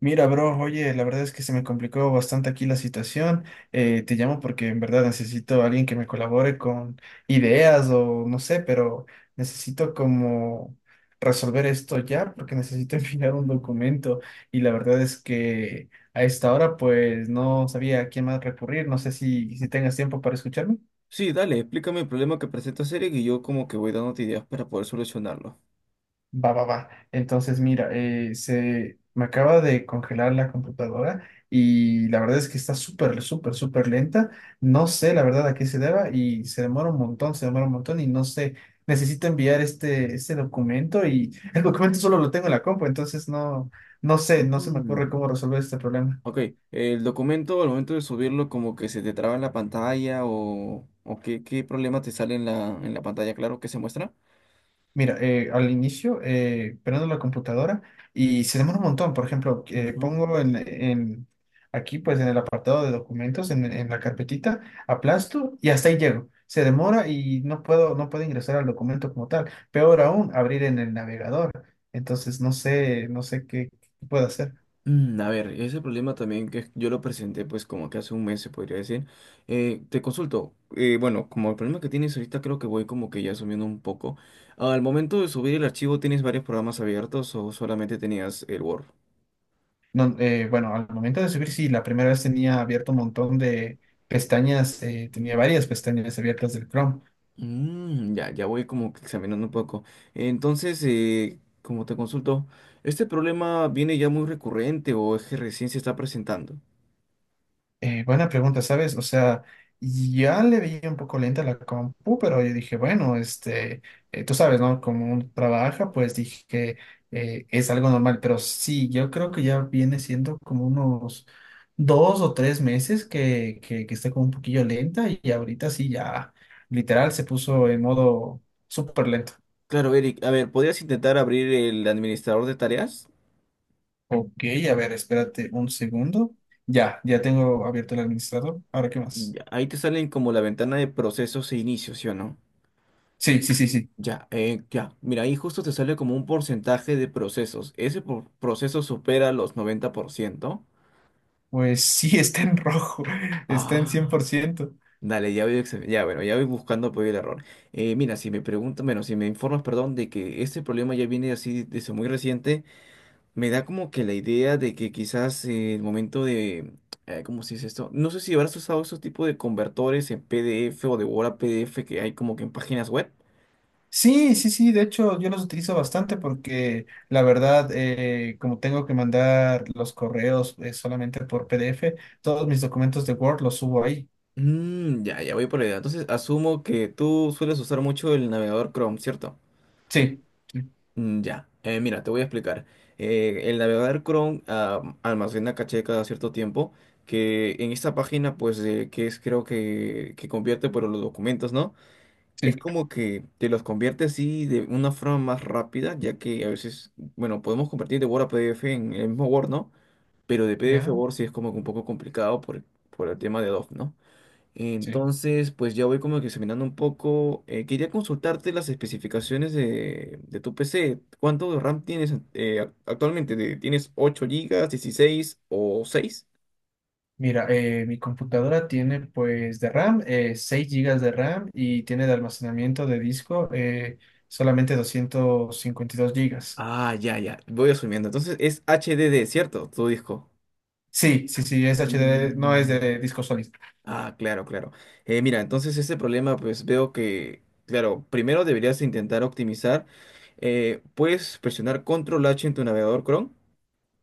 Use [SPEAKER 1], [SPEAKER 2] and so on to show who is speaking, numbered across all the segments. [SPEAKER 1] Mira, bro, oye, la verdad es que se me complicó bastante aquí la situación. Te llamo porque en verdad necesito a alguien que me colabore con ideas o no sé, pero necesito como resolver esto ya porque necesito enviar un documento y la verdad es que a esta hora pues no sabía a quién más recurrir. No sé si tengas tiempo para escucharme.
[SPEAKER 2] Sí, dale, explícame el problema que presenta Eric y yo como que voy dándote ideas para poder solucionarlo.
[SPEAKER 1] Va, va, va. Entonces, mira, se me acaba de congelar la computadora y la verdad es que está súper, súper, súper lenta. No sé la verdad a qué se deba y se demora un montón, se demora un montón y no sé. Necesito enviar este documento y el documento solo lo tengo en la compu, entonces no, no sé, no se me ocurre
[SPEAKER 2] Mm,
[SPEAKER 1] cómo resolver este problema.
[SPEAKER 2] ok, el documento al momento de subirlo como que se te traba en la pantalla o qué, qué problema te sale en la pantalla, claro, que se muestra.
[SPEAKER 1] Mira, al inicio prendo la computadora y se demora un montón. Por ejemplo,
[SPEAKER 2] Ujú.
[SPEAKER 1] pongo aquí, pues en el apartado de documentos, en la carpetita, aplasto y hasta ahí llego. Se demora y no puedo ingresar al documento como tal. Peor aún, abrir en el navegador. Entonces, no sé qué puedo hacer.
[SPEAKER 2] Mm, a ver, ese problema también que yo lo presenté pues como que hace un mes se podría decir. Te consulto, bueno, como el problema que tienes ahorita creo que voy como que ya asumiendo un poco. Al momento de subir el archivo, ¿tienes varios programas abiertos o solamente tenías el Word?
[SPEAKER 1] No, bueno, al momento de subir, sí, la primera vez tenía abierto un montón de pestañas, tenía varias pestañas abiertas del Chrome.
[SPEAKER 2] Mm, ya, ya voy como que examinando un poco. Entonces, como te consulto, ¿este problema viene ya muy recurrente o es que recién se está presentando?
[SPEAKER 1] Buena pregunta, ¿sabes? O sea, ya le veía un poco lenta la compu, pero yo dije, bueno, este, tú sabes, ¿no? Como uno trabaja, pues dije, es algo normal, pero sí, yo creo que ya viene siendo como unos 2 o 3 meses que está como un poquillo lenta y ahorita sí, ya literal se puso en modo súper lento.
[SPEAKER 2] Claro, Eric, a ver, ¿podrías intentar abrir el administrador de tareas?
[SPEAKER 1] Ok, a ver, espérate un segundo. Ya, ya tengo abierto el administrador. Ahora, ¿qué más?
[SPEAKER 2] Ya, ahí te salen como la ventana de procesos e inicios, ¿sí o no?
[SPEAKER 1] Sí, sí, sí, sí.
[SPEAKER 2] Ya, ya. Mira, ahí justo te sale como un porcentaje de procesos. Ese proceso supera los 90%.
[SPEAKER 1] Pues sí, está en rojo, está en cien por
[SPEAKER 2] Ah.
[SPEAKER 1] ciento.
[SPEAKER 2] Dale, ya voy, ya, bueno, ya voy buscando apoyo el error. Mira, si me preguntas, bueno, si me informas, perdón, de que este problema ya viene así desde muy reciente, me da como que la idea de que quizás el momento de, ¿cómo se dice esto? No sé si habrás usado esos tipos de convertores en PDF o de Word a PDF que hay como que en páginas web.
[SPEAKER 1] Sí, sí, sí, de hecho yo los utilizo bastante porque la verdad, como tengo que mandar los correos solamente por PDF, todos mis documentos de Word los subo ahí.
[SPEAKER 2] Mm, ya, ya voy por la idea. Entonces, asumo que tú sueles usar mucho el navegador Chrome, ¿cierto?
[SPEAKER 1] Sí, sí,
[SPEAKER 2] Mm, ya, mira, te voy a explicar. El navegador Chrome almacena caché cada cierto tiempo, que en esta página, pues, que es creo que convierte por los documentos, ¿no? Es
[SPEAKER 1] sí,
[SPEAKER 2] como que te los convierte así de una forma más rápida, ya que a veces, bueno, podemos convertir de Word a PDF en el mismo Word, ¿no? Pero de PDF a
[SPEAKER 1] ya,
[SPEAKER 2] Word sí es como que un poco complicado por el tema de DOF, ¿no?
[SPEAKER 1] sí.
[SPEAKER 2] Entonces, pues ya voy como que examinando un poco. Quería consultarte las especificaciones de tu PC. ¿Cuánto de RAM tienes actualmente? Tienes 8 gigas, 16 o 6?
[SPEAKER 1] Mira, mi computadora tiene pues de RAM, 6 GB de RAM y tiene de almacenamiento de disco solamente 252 GB.
[SPEAKER 2] Ah, ya, voy asumiendo. Entonces es HDD, ¿cierto? Tu disco.
[SPEAKER 1] Sí, sí, sí, es HD, no es
[SPEAKER 2] Mm,
[SPEAKER 1] de disco sólido.
[SPEAKER 2] ah, claro, claro. Mira, entonces ese problema, pues veo que, claro, primero deberías intentar optimizar. Puedes presionar Control H en tu navegador Chrome.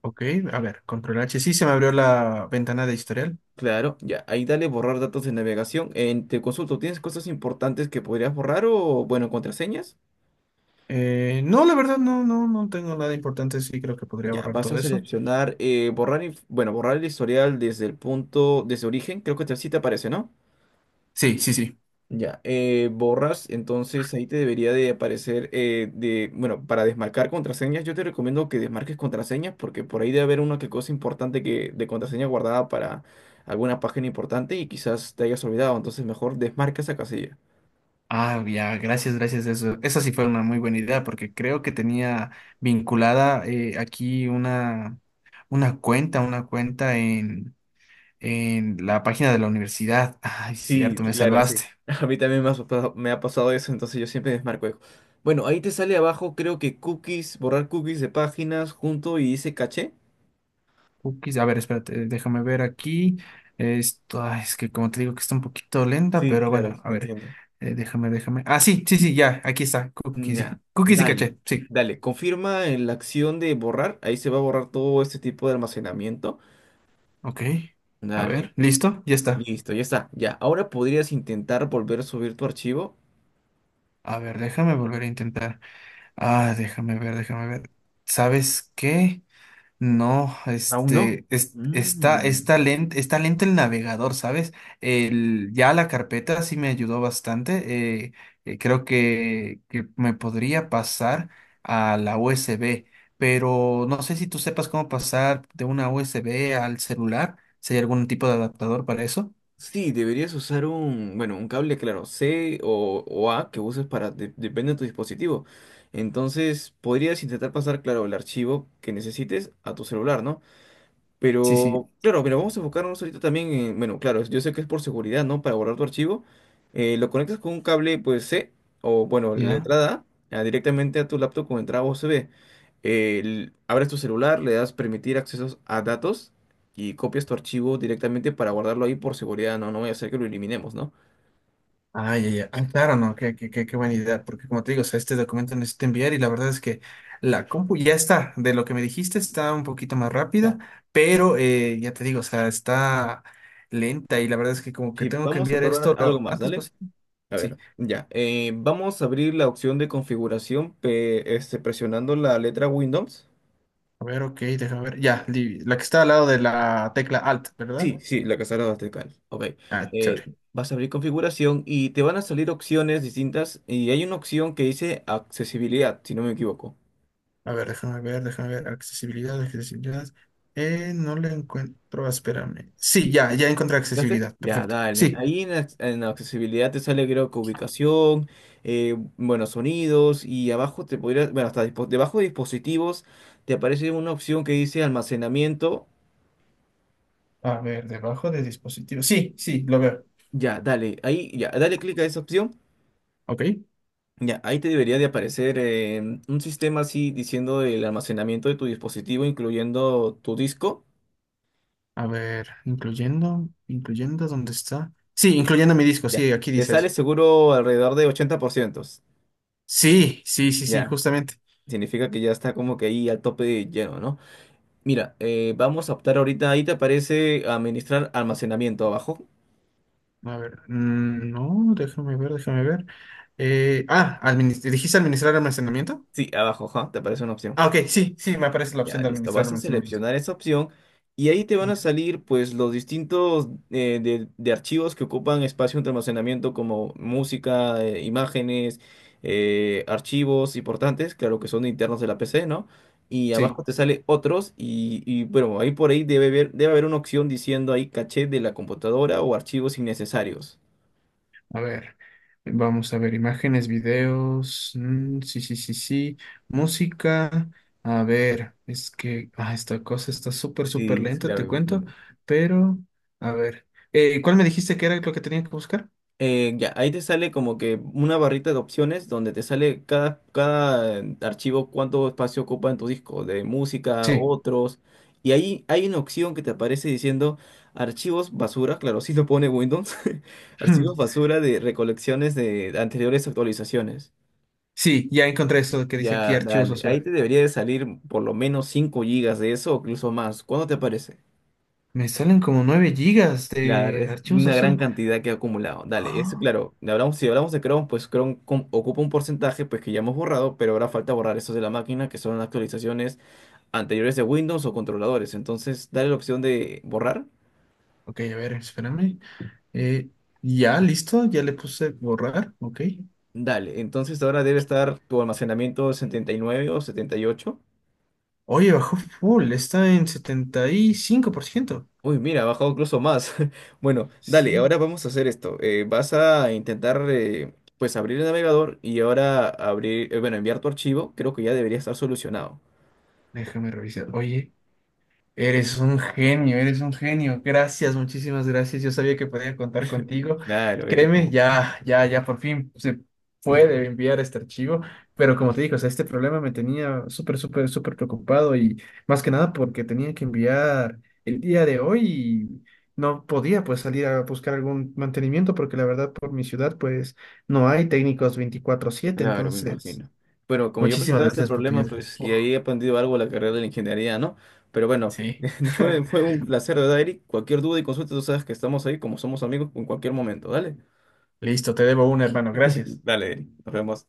[SPEAKER 1] Ok, a ver, control H. Sí, se me abrió la ventana de historial.
[SPEAKER 2] Claro, ya, ahí dale borrar datos de navegación. En, te consulto, ¿tienes cosas importantes que podrías borrar o, bueno, contraseñas?
[SPEAKER 1] No, la verdad, no, no, no tengo nada importante. Sí, creo que podría
[SPEAKER 2] Ya,
[SPEAKER 1] borrar
[SPEAKER 2] vas a
[SPEAKER 1] todo eso.
[SPEAKER 2] seleccionar borrar, bueno, borrar el historial desde el punto, desde origen, creo que sí te aparece, ¿no?
[SPEAKER 1] Sí, sí, sí.
[SPEAKER 2] Ya, borras, entonces ahí te debería de aparecer, de, bueno, para desmarcar contraseñas, yo te recomiendo que desmarques contraseñas porque por ahí debe haber una que cosa importante que, de contraseña guardada para alguna página importante y quizás te hayas olvidado, entonces mejor desmarca esa casilla.
[SPEAKER 1] Ah, ya, gracias, gracias. Eso, esa sí fue una muy buena idea porque creo que tenía vinculada aquí una cuenta, una cuenta en la página de la universidad. Ay, sí,
[SPEAKER 2] Sí,
[SPEAKER 1] cierto, me
[SPEAKER 2] claro,
[SPEAKER 1] salvaste.
[SPEAKER 2] sí. A mí también me ha me ha pasado eso, entonces yo siempre desmarco eso. Bueno, ahí te sale abajo, creo que cookies, borrar cookies de páginas junto y dice caché.
[SPEAKER 1] Cookies. A ver, espérate, déjame ver aquí. Esto, ay, es que como te digo que está un poquito lenta,
[SPEAKER 2] Sí,
[SPEAKER 1] pero
[SPEAKER 2] claro,
[SPEAKER 1] bueno, a ver,
[SPEAKER 2] entiendo.
[SPEAKER 1] déjame. Ah, sí, sí, sí, ya, aquí está. Cookies,
[SPEAKER 2] Ya,
[SPEAKER 1] cookies y caché, sí.
[SPEAKER 2] dale. Confirma en la acción de borrar. Ahí se va a borrar todo este tipo de almacenamiento.
[SPEAKER 1] Ok, a
[SPEAKER 2] Dale,
[SPEAKER 1] ver, listo, ya está.
[SPEAKER 2] listo, ya está. Ya, ahora podrías intentar volver a subir tu archivo.
[SPEAKER 1] A ver, déjame volver a intentar. Ah, déjame ver, déjame ver. ¿Sabes qué? No,
[SPEAKER 2] Aún no.
[SPEAKER 1] este, está,
[SPEAKER 2] Mm.
[SPEAKER 1] está lento, está lento el navegador, ¿sabes? Ya la carpeta sí me ayudó bastante. Creo que me podría pasar a la USB, pero no sé si tú sepas cómo pasar de una USB al celular. Si hay algún tipo de adaptador para eso.
[SPEAKER 2] Sí, deberías usar un, bueno, un cable, claro, C o A que uses para, depende de tu dispositivo. Entonces, podrías intentar pasar, claro, el archivo que necesites a tu celular, ¿no?
[SPEAKER 1] Sí,
[SPEAKER 2] Pero,
[SPEAKER 1] sí,
[SPEAKER 2] claro, pero vamos a enfocarnos ahorita también en, bueno, claro, yo sé que es por seguridad, ¿no? Para guardar tu archivo, lo conectas con un cable, pues, C, o bueno, la
[SPEAKER 1] ya.
[SPEAKER 2] entrada A, a directamente a tu laptop con entrada USB. Abres tu celular, le das permitir accesos a datos y copias tu archivo directamente para guardarlo ahí por seguridad, ¿no? No voy a hacer que lo eliminemos, ¿no?
[SPEAKER 1] Ay, ay, ay. Ah, claro, no, qué buena idea, porque como te digo, o sea, este documento necesito enviar y la verdad es que la compu ya está, de lo que me dijiste está un poquito más rápida,
[SPEAKER 2] Ya.
[SPEAKER 1] pero ya te digo, o sea, está lenta y la verdad es que como que
[SPEAKER 2] Sí,
[SPEAKER 1] tengo que
[SPEAKER 2] vamos a
[SPEAKER 1] enviar
[SPEAKER 2] probar
[SPEAKER 1] esto
[SPEAKER 2] algo
[SPEAKER 1] lo
[SPEAKER 2] más,
[SPEAKER 1] antes
[SPEAKER 2] dale.
[SPEAKER 1] posible.
[SPEAKER 2] A
[SPEAKER 1] Sí,
[SPEAKER 2] ver, ya. Vamos a abrir la opción de configuración, este, presionando la letra Windows.
[SPEAKER 1] a ver, ok, déjame ver, ya, la que está al lado de la tecla Alt, ¿verdad?
[SPEAKER 2] Sí, sí, la cazadora bastarcal. Ok.
[SPEAKER 1] Ah,
[SPEAKER 2] Eh,
[SPEAKER 1] chévere.
[SPEAKER 2] Vas a abrir configuración y te van a salir opciones distintas y hay una opción que dice accesibilidad, si no me equivoco.
[SPEAKER 1] A ver, déjame ver, déjame ver, accesibilidad, accesibilidad. No le encuentro, espérame. Sí, ya, ya encontré
[SPEAKER 2] ¿Entraste?
[SPEAKER 1] accesibilidad,
[SPEAKER 2] Ya,
[SPEAKER 1] perfecto.
[SPEAKER 2] dale.
[SPEAKER 1] Sí.
[SPEAKER 2] Ahí en, en accesibilidad te sale creo que ubicación, bueno, sonidos y abajo te podría, bueno, hasta debajo de dispositivos te aparece una opción que dice almacenamiento.
[SPEAKER 1] A ver, debajo de dispositivo. Sí, sí, lo veo.
[SPEAKER 2] Ya, dale. Ahí, ya, dale clic a esa opción.
[SPEAKER 1] Ok,
[SPEAKER 2] Ya, ahí te debería de aparecer un sistema así diciendo el almacenamiento de tu dispositivo, incluyendo tu disco.
[SPEAKER 1] a ver, incluyendo, incluyendo, ¿dónde está? Sí, incluyendo mi disco,
[SPEAKER 2] Ya.
[SPEAKER 1] sí, aquí
[SPEAKER 2] Te
[SPEAKER 1] dice
[SPEAKER 2] sale
[SPEAKER 1] eso.
[SPEAKER 2] seguro alrededor de 80%.
[SPEAKER 1] Sí, sí, sí, sí,
[SPEAKER 2] Ya.
[SPEAKER 1] justamente.
[SPEAKER 2] Significa que ya está como que ahí al tope de lleno, ¿no? Mira, vamos a optar ahorita, ahí te aparece administrar almacenamiento abajo.
[SPEAKER 1] A ver, no, déjame ver, déjame ver. Ah, ¿dijiste administrar almacenamiento?
[SPEAKER 2] Sí, abajo, ajá, te aparece una opción.
[SPEAKER 1] Ah, ok, sí, sí, me aparece la
[SPEAKER 2] Ya,
[SPEAKER 1] opción de
[SPEAKER 2] listo.
[SPEAKER 1] administrar
[SPEAKER 2] Vas a
[SPEAKER 1] almacenamiento.
[SPEAKER 2] seleccionar esa opción y ahí te van a
[SPEAKER 1] Ya.
[SPEAKER 2] salir pues los distintos de archivos que ocupan espacio de almacenamiento como música, imágenes, archivos importantes, claro que son internos de la PC, ¿no? Y abajo
[SPEAKER 1] Sí.
[SPEAKER 2] te sale otros y, bueno, ahí por ahí debe haber una opción diciendo ahí caché de la computadora o archivos innecesarios.
[SPEAKER 1] A ver, vamos a ver, imágenes, videos, mm, sí, sí, sí, sí, música, a ver, es que ah, esta cosa está súper, súper
[SPEAKER 2] Sí, sí,
[SPEAKER 1] lenta,
[SPEAKER 2] claro,
[SPEAKER 1] te
[SPEAKER 2] me
[SPEAKER 1] cuento,
[SPEAKER 2] imagino.
[SPEAKER 1] pero, a ver, ¿cuál me dijiste que era lo que tenía que buscar?
[SPEAKER 2] Ya, ahí te sale como que una barrita de opciones donde te sale cada archivo cuánto espacio ocupa en tu disco, de música,
[SPEAKER 1] Sí,
[SPEAKER 2] otros. Y ahí hay una opción que te aparece diciendo archivos basura, claro, sí lo pone Windows, archivos basura de recolecciones de anteriores actualizaciones.
[SPEAKER 1] sí, ya encontré eso que dice aquí,
[SPEAKER 2] Ya,
[SPEAKER 1] archivos
[SPEAKER 2] dale, ahí
[SPEAKER 1] basura.
[SPEAKER 2] te debería de salir por lo menos 5 gigas de eso o incluso más. ¿Cuándo te aparece?
[SPEAKER 1] Me salen como 9 GB
[SPEAKER 2] Claro,
[SPEAKER 1] de
[SPEAKER 2] es
[SPEAKER 1] archivos
[SPEAKER 2] una gran
[SPEAKER 1] basura.
[SPEAKER 2] cantidad que ha acumulado. Dale, eso
[SPEAKER 1] Ah,
[SPEAKER 2] claro, le hablamos, si hablamos de Chrome, pues Chrome ocupa un porcentaje pues que ya hemos borrado, pero ahora falta borrar esos de la máquina que son actualizaciones anteriores de Windows o controladores. Entonces, dale la opción de borrar.
[SPEAKER 1] ok, a ver, espérame. Eh, ya, listo, ya le puse borrar, ok.
[SPEAKER 2] Dale, entonces ahora debe estar tu almacenamiento 79 o 78.
[SPEAKER 1] Oye, bajó full, está en 75%.
[SPEAKER 2] Uy, mira, ha bajado incluso más. Bueno, dale,
[SPEAKER 1] Sí,
[SPEAKER 2] ahora vamos a hacer esto. Vas a intentar pues abrir el navegador y ahora abrir, bueno, enviar tu archivo. Creo que ya debería estar solucionado.
[SPEAKER 1] déjame revisar. Oye, eres un genio, eres un genio. Gracias, muchísimas gracias. Yo sabía que podía contar contigo.
[SPEAKER 2] Claro, Eric,
[SPEAKER 1] Créeme,
[SPEAKER 2] como-
[SPEAKER 1] ya, ya, ya por fin se puede enviar este archivo. Pero como te digo, o sea, este problema me tenía súper, súper, súper preocupado y más que nada porque tenía que enviar el día de hoy y no podía pues salir a buscar algún mantenimiento porque la verdad por mi ciudad pues no hay técnicos 24/7.
[SPEAKER 2] claro, me
[SPEAKER 1] Entonces,
[SPEAKER 2] imagino. Bueno, como yo
[SPEAKER 1] muchísimas
[SPEAKER 2] presentaba este
[SPEAKER 1] gracias por tu
[SPEAKER 2] problema,
[SPEAKER 1] ayuda.
[SPEAKER 2] pues, y
[SPEAKER 1] Uf,
[SPEAKER 2] ahí he aprendido algo de la carrera de la ingeniería, ¿no? Pero bueno,
[SPEAKER 1] sí.
[SPEAKER 2] fue un placer, ¿verdad, Eric? Cualquier duda y consulta, tú sabes que estamos ahí como somos amigos en cualquier momento, ¿dale?
[SPEAKER 1] Listo, te debo una, hermano. Gracias.
[SPEAKER 2] Dale, Eric, nos vemos.